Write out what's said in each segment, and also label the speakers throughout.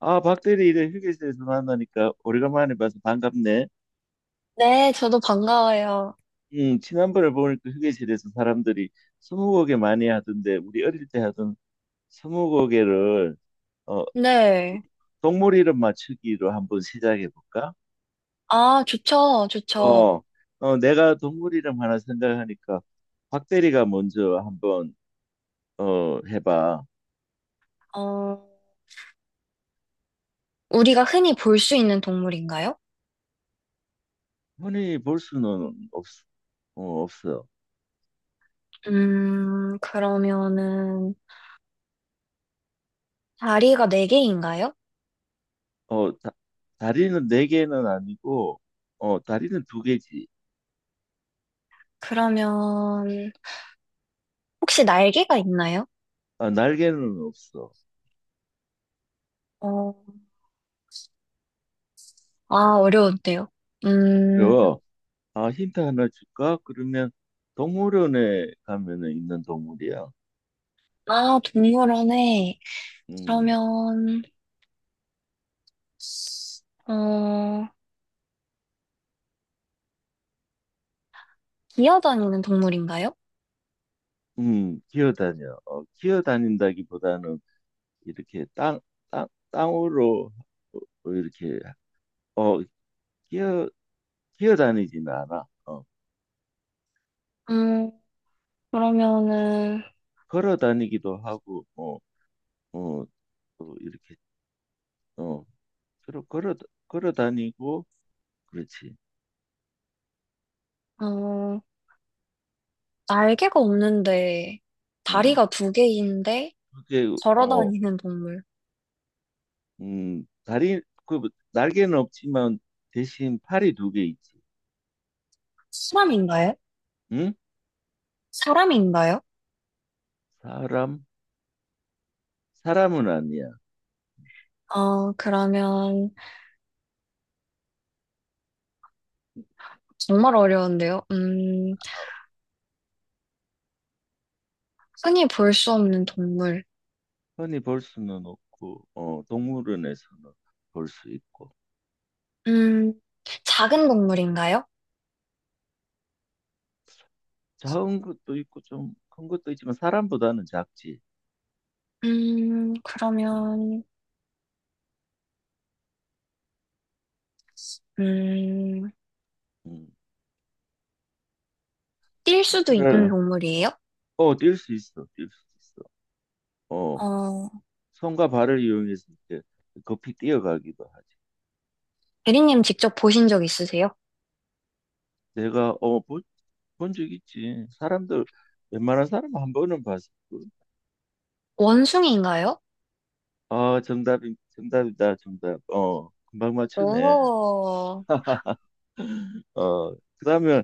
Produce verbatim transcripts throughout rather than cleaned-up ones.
Speaker 1: 아, 박대리 이래 휴게실에서 만나니까 오래간만에 봐서 반갑네.
Speaker 2: 네, 저도 반가워요.
Speaker 1: 응, 지난번에 보니까 휴게실에서 사람들이 스무고개 많이 하던데 우리 어릴 때 하던 스무고개를 어,
Speaker 2: 네.
Speaker 1: 동물 이름 맞추기로 한번 시작해 볼까?
Speaker 2: 아, 좋죠, 좋죠.
Speaker 1: 어, 어, 내가 동물 이름 하나 생각하니까 박대리가 먼저 한번 어, 해봐.
Speaker 2: 어, 우리가 흔히 볼 수 있는 동물인가요?
Speaker 1: 흔히 볼 수는 없, 어, 없어.
Speaker 2: 음, 그러면은, 다리가 네개인가요?
Speaker 1: 어, 다, 다리는 네 개는 아니고 어, 다리는 두 개지.
Speaker 2: 그러면, 혹시 날개가 있나요?
Speaker 1: 아, 날개는 없어.
Speaker 2: 어, 아, 어려운데요. 음,
Speaker 1: 그리고 아, 힌트 하나 줄까? 그러면 동물원에 가면은 있는 동물이야.
Speaker 2: 아, 동물원에,
Speaker 1: 음,
Speaker 2: 그러면, 어, 기어다니는 동물인가요?
Speaker 1: 음, 기어다녀. 어, 기어다닌다기보다는 이렇게 땅, 땅, 땅으로 어, 이렇게 어, 기어, 기어다니지는 않아. 어,
Speaker 2: 음, 그러면은,
Speaker 1: 걸어다니기도 하고, 어, 어, 또 이렇게 어, 걸어 걸어 걸어다니고, 그렇지.
Speaker 2: 어, 날개가 없는데
Speaker 1: 음,
Speaker 2: 다리가 두 개인데
Speaker 1: 그게
Speaker 2: 걸어
Speaker 1: 어.
Speaker 2: 다니는 동물.
Speaker 1: 음, 다리, 그, 뭐, 날개는 없지만 대신 팔이 두 개 있지.
Speaker 2: 사람인가요?
Speaker 1: 응?
Speaker 2: 사람인가요?
Speaker 1: 사람? 사람은 아니야.
Speaker 2: 어, 그러면 정말 어려운데요. 음, 흔히 볼 수 없는 동물.
Speaker 1: 흔히 볼 수는 없고, 어, 동물원에서는 볼 수 있고.
Speaker 2: 음, 작은 동물인가요?
Speaker 1: 작은 것도 있고, 좀 큰 것도 있지만 사람보다는 작지.
Speaker 2: 음,
Speaker 1: 음,
Speaker 2: 그러면 음,
Speaker 1: 음.
Speaker 2: 뛸 수도 있는
Speaker 1: 그래.
Speaker 2: 동물이에요?
Speaker 1: 어, 뛸 수 있어. 뛸 수 있어. 어,
Speaker 2: 어,
Speaker 1: 손과 발을 이용해서 이렇게 급히 뛰어가기도 하지.
Speaker 2: 대리님 직접 보신 적 있으세요?
Speaker 1: 내가, 어, 본, 본적 있지. 사람들, 웬만한 사람 한 번은 봤어.
Speaker 2: 원숭이인가요?
Speaker 1: 아, 정답이, 정답이다, 정답. 어, 금방 맞추네.
Speaker 2: 오,
Speaker 1: 어, 그러면,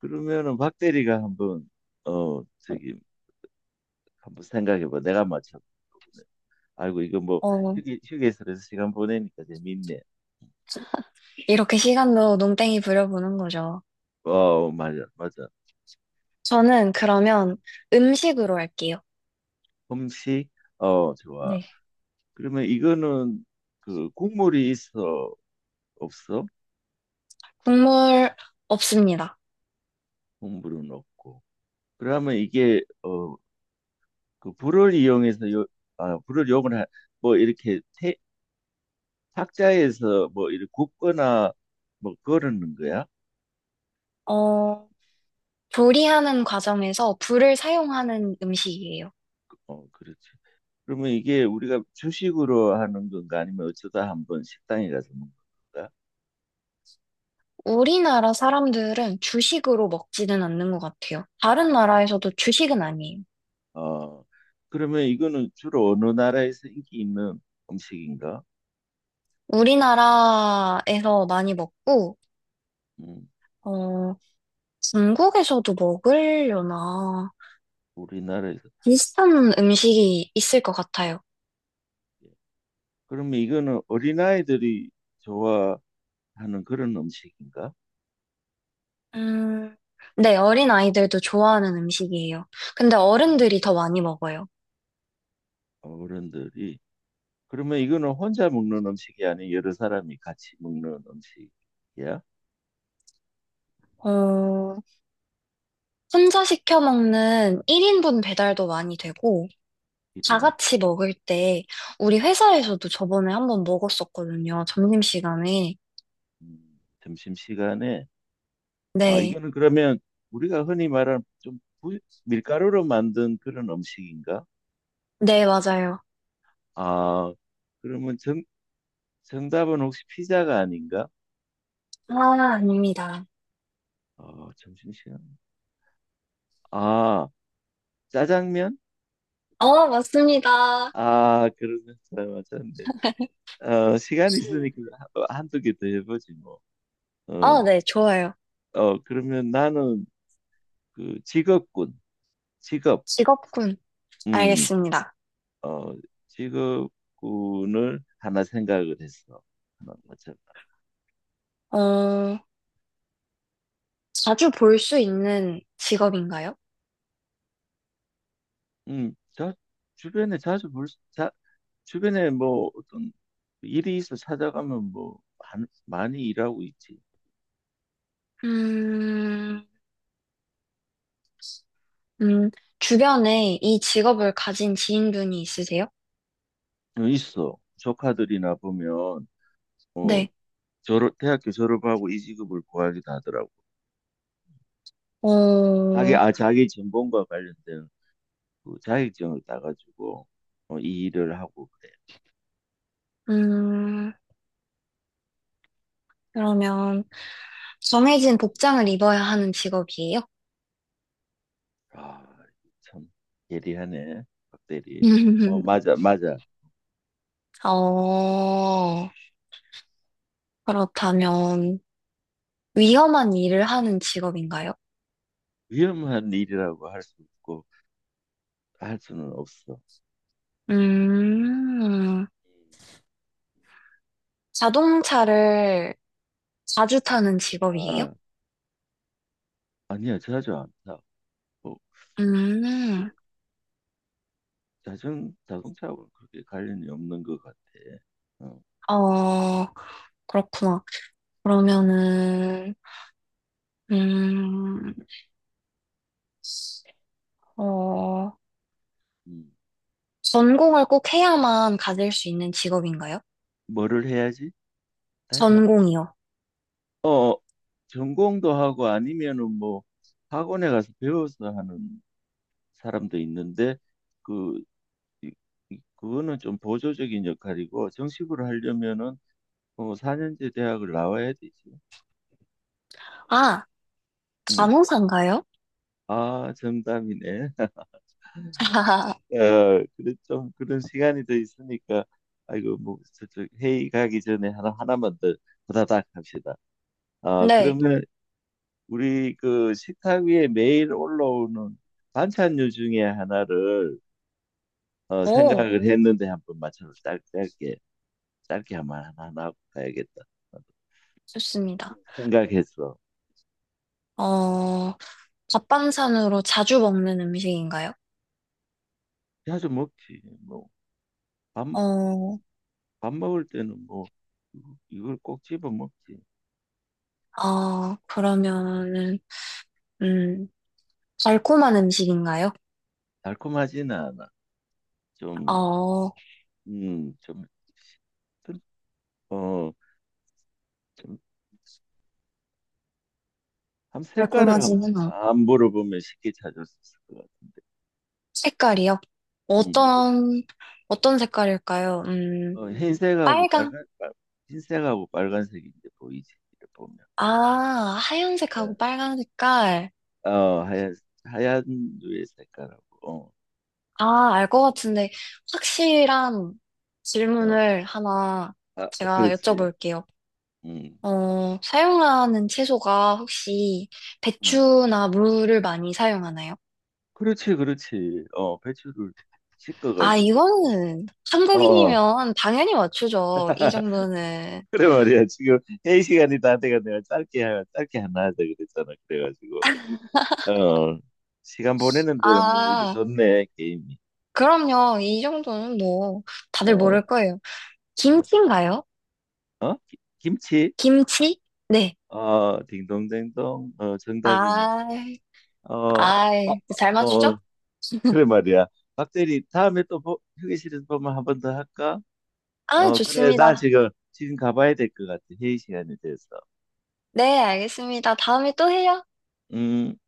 Speaker 1: 그러면은 박 대리가 한번, 어, 저기, 한번 생각해봐. 내가 맞춰. 아이고, 이거 뭐,
Speaker 2: 어,
Speaker 1: 휴게, 휴게소에서 시간 보내니까 재밌네.
Speaker 2: 이렇게 시간도 농땡이 부려보는 거죠.
Speaker 1: 어, 맞아, 맞아.
Speaker 2: 저는 그러면 음식으로 할게요.
Speaker 1: 음식, 어, 좋아.
Speaker 2: 네.
Speaker 1: 그러면 이거는, 그, 국물이 있어, 없어?
Speaker 2: 국물 없습니다.
Speaker 1: 국물은 없고. 그러면 이게, 어, 그, 불을 이용해서 요, 아, 불을 이용을, 하, 뭐, 이렇게 태, 탁자에서 뭐 이렇게 굽거나 뭐 거르는 거야?
Speaker 2: 어, 조리하는 과정에서 불을 사용하는 음식이에요.
Speaker 1: 어, 그렇지. 그러면 이게 우리가 주식으로 하는 건가 아니면 어쩌다 한번 식당에 가서 먹는 건가?
Speaker 2: 우리나라 사람들은 주식으로 먹지는 않는 것 같아요. 다른
Speaker 1: 주식.
Speaker 2: 나라에서도 주식은 아니에요.
Speaker 1: 어, 그러면 이거는 주로 어느 나라에서 인기 있는 음식인가?
Speaker 2: 우리나라에서 많이 먹고,
Speaker 1: 음,
Speaker 2: 어, 중국에서도 먹으려나.
Speaker 1: 우리나라에서.
Speaker 2: 비슷한 음식이 있을 것 같아요.
Speaker 1: 예. 그러면 이거는 어린아이들이 좋아하는 그런 음식인가?
Speaker 2: 음, 네, 어린 아이들도 좋아하는 음식이에요. 근데
Speaker 1: 어,
Speaker 2: 어른들이 더 많이 먹어요.
Speaker 1: 어른들이. 그러면 이거는 혼자 먹는 음식이 아닌 여러 사람이 같이 먹는 음식이야?
Speaker 2: 어, 혼자 시켜 먹는 일 인분 배달도 많이 되고, 다
Speaker 1: 이름.
Speaker 2: 같이 먹을 때, 우리 회사에서도 저번에 한번 먹었었거든요. 점심시간에.
Speaker 1: 음, 점심시간에, 아,
Speaker 2: 네,
Speaker 1: 이거는 그러면 우리가 흔히 말하는 좀 부- 밀가루로 만든 그런 음식인가?
Speaker 2: 네, 맞아요.
Speaker 1: 아, 그러면 정, 정답은 혹시 피자가 아닌가?
Speaker 2: 아, 아닙니다.
Speaker 1: 아, 점심시간. 아, 짜장면?
Speaker 2: 어, 맞습니다.
Speaker 1: 아, 그러면 잘 맞췄네. 어, 시간이 있으니까 한- 한두 개 더 해보지 뭐. 어,
Speaker 2: 아, 네, 좋아요.
Speaker 1: 어, 그러면 나는 그 직업군, 직업,
Speaker 2: 직업군.
Speaker 1: 음,
Speaker 2: 알겠습니다.
Speaker 1: 어, 직업군을 하나 생각을 했어. 하나 맞춰
Speaker 2: 어, 자주 볼 수 있는 직업인가요?
Speaker 1: 음, 자, 주변에 자주 볼, 수- 자, 주변에 뭐 어떤 일이 있어 찾아가면 뭐 한- 많이 일하고 있지.
Speaker 2: 음, 음, 주변에 이 직업을 가진 지인분이 있으세요?
Speaker 1: 어, 있어. 조카들이나 보면 어,
Speaker 2: 네.
Speaker 1: 졸업, 대학교 졸업하고 이직업을 구하기도 하더라고.
Speaker 2: 어,
Speaker 1: 자기, 아, 자기 전공과 관련된 그 자격증을 따가지고 어, 이 일을 하고 그래.
Speaker 2: 음, 그러면 정해진
Speaker 1: 음,
Speaker 2: 복장을 입어야 하는 직업이에요?
Speaker 1: 아, 참 예리하네, 박 대리. 어, 맞아, 맞아.
Speaker 2: 어, 그렇다면 위험한 일을 하는 직업인가요?
Speaker 1: 위험한 일이라고 할 수 없고 할 수는 없어.
Speaker 2: 음,
Speaker 1: 음,
Speaker 2: 자동차를 자주 타는 직업이에요?
Speaker 1: 아, 아니야, 자주 안 타. 뭐,
Speaker 2: 음,
Speaker 1: 자전, 자동차하고는 그렇게 관련이 없는 것 같아. 어,
Speaker 2: 어, 그렇구나. 그러면은, 음, 어,
Speaker 1: 음.
Speaker 2: 전공을 꼭 해야만 가질 수 있는 직업인가요?
Speaker 1: 뭐를 해야지? 다시 한
Speaker 2: 전공이요.
Speaker 1: 어, 전공도 하고 아니면은 뭐 학원에 가서 배워서 하는 사람도 있는데 그 이- 이- 그거는 좀 보조적인 역할이고 정식으로 하려면은 어, 사 년제 대학을 나와야 되지.
Speaker 2: 아,
Speaker 1: 음.
Speaker 2: 간호사인가요?
Speaker 1: 아, 정답이네. 어, 그래, 좀 그런 시간이 더 있으니까, 아이고, 뭐, 저쪽 회의 가기 전에 하나, 하나만 더 후다닥 합시다. 아,
Speaker 2: 네.
Speaker 1: 그러면 우리 그 식탁 위에 매일 올라오는 반찬류 중에 하나를 어,
Speaker 2: 오,
Speaker 1: 생각을 했는데 한번 맞춰서 짧, 짧게, 짧게 한번 하나, 하나 하고 가야겠다.
Speaker 2: 좋습니다.
Speaker 1: 생각했어.
Speaker 2: 어, 밥반찬으로 자주 먹는 음식인가요?
Speaker 1: 자주 먹지. 뭐, 밥,
Speaker 2: 어,
Speaker 1: 밥 먹을 때는 뭐, 이걸 꼭 집어 먹지.
Speaker 2: 아, 그러면은, 음, 달콤한 음식인가요?
Speaker 1: 달콤하지는 않아. 좀,
Speaker 2: 어,
Speaker 1: 음, 좀 튼 어, 좀, 한 색깔을 한,
Speaker 2: 달콤하지는 않고.
Speaker 1: 안 물어보면 쉽게 찾을 수 있을 것 같은데.
Speaker 2: 색깔이요?
Speaker 1: 음, 물어-
Speaker 2: 어떤, 어떤 색깔일까요? 음,
Speaker 1: 어, 흰색하고
Speaker 2: 빨강?
Speaker 1: 빨간, 빨, 흰색하고 빨간색이 이제 보이지, 이렇게 보면.
Speaker 2: 아, 하얀색하고
Speaker 1: 네.
Speaker 2: 빨간 색깔.
Speaker 1: 어, 하얀, 하얀 류의 색깔하고,
Speaker 2: 아, 알 것 같은데, 확실한
Speaker 1: 어, 어,
Speaker 2: 질문을 하나
Speaker 1: 아,
Speaker 2: 제가
Speaker 1: 그렇지.
Speaker 2: 여쭤볼게요.
Speaker 1: 음,
Speaker 2: 어, 사용하는 채소가 혹시
Speaker 1: 음.
Speaker 2: 배추나 무를 많이 사용하나요?
Speaker 1: 그렇지, 그렇지. 어, 배추를
Speaker 2: 아,
Speaker 1: 씻어가지고.
Speaker 2: 이거는
Speaker 1: 어, 어.
Speaker 2: 한국인이면 당연히 맞추죠. 이 정도는.
Speaker 1: 그래 말이야. 지금 회의 시간이 다 돼가 내가 짧게, 하- 짧게 하나 하자 그랬잖아. 그래가지고. 어, 시간 보내는 데는 뭐 이거
Speaker 2: 아,
Speaker 1: 좋네 게임이.
Speaker 2: 그럼요. 이 정도는 뭐, 다들
Speaker 1: 어,
Speaker 2: 모를 거예요. 김치인가요?
Speaker 1: 어? 기- 김치?
Speaker 2: 김치? 네.
Speaker 1: 어, 딩동댕동. 어, 정답이네.
Speaker 2: 아,
Speaker 1: 어,
Speaker 2: 아,
Speaker 1: 어,
Speaker 2: 잘 맞추죠?
Speaker 1: 어, 그래 말이야. 박대리 다음에 또 보- 휴게실에서 보면 한 번 더 할까?
Speaker 2: 아,
Speaker 1: 어, 그래. 나
Speaker 2: 좋습니다.
Speaker 1: 지금 지금 가봐야 될 것 같아. 회의 시간이 돼서.
Speaker 2: 네, 알겠습니다. 다음에 또 해요.
Speaker 1: 음.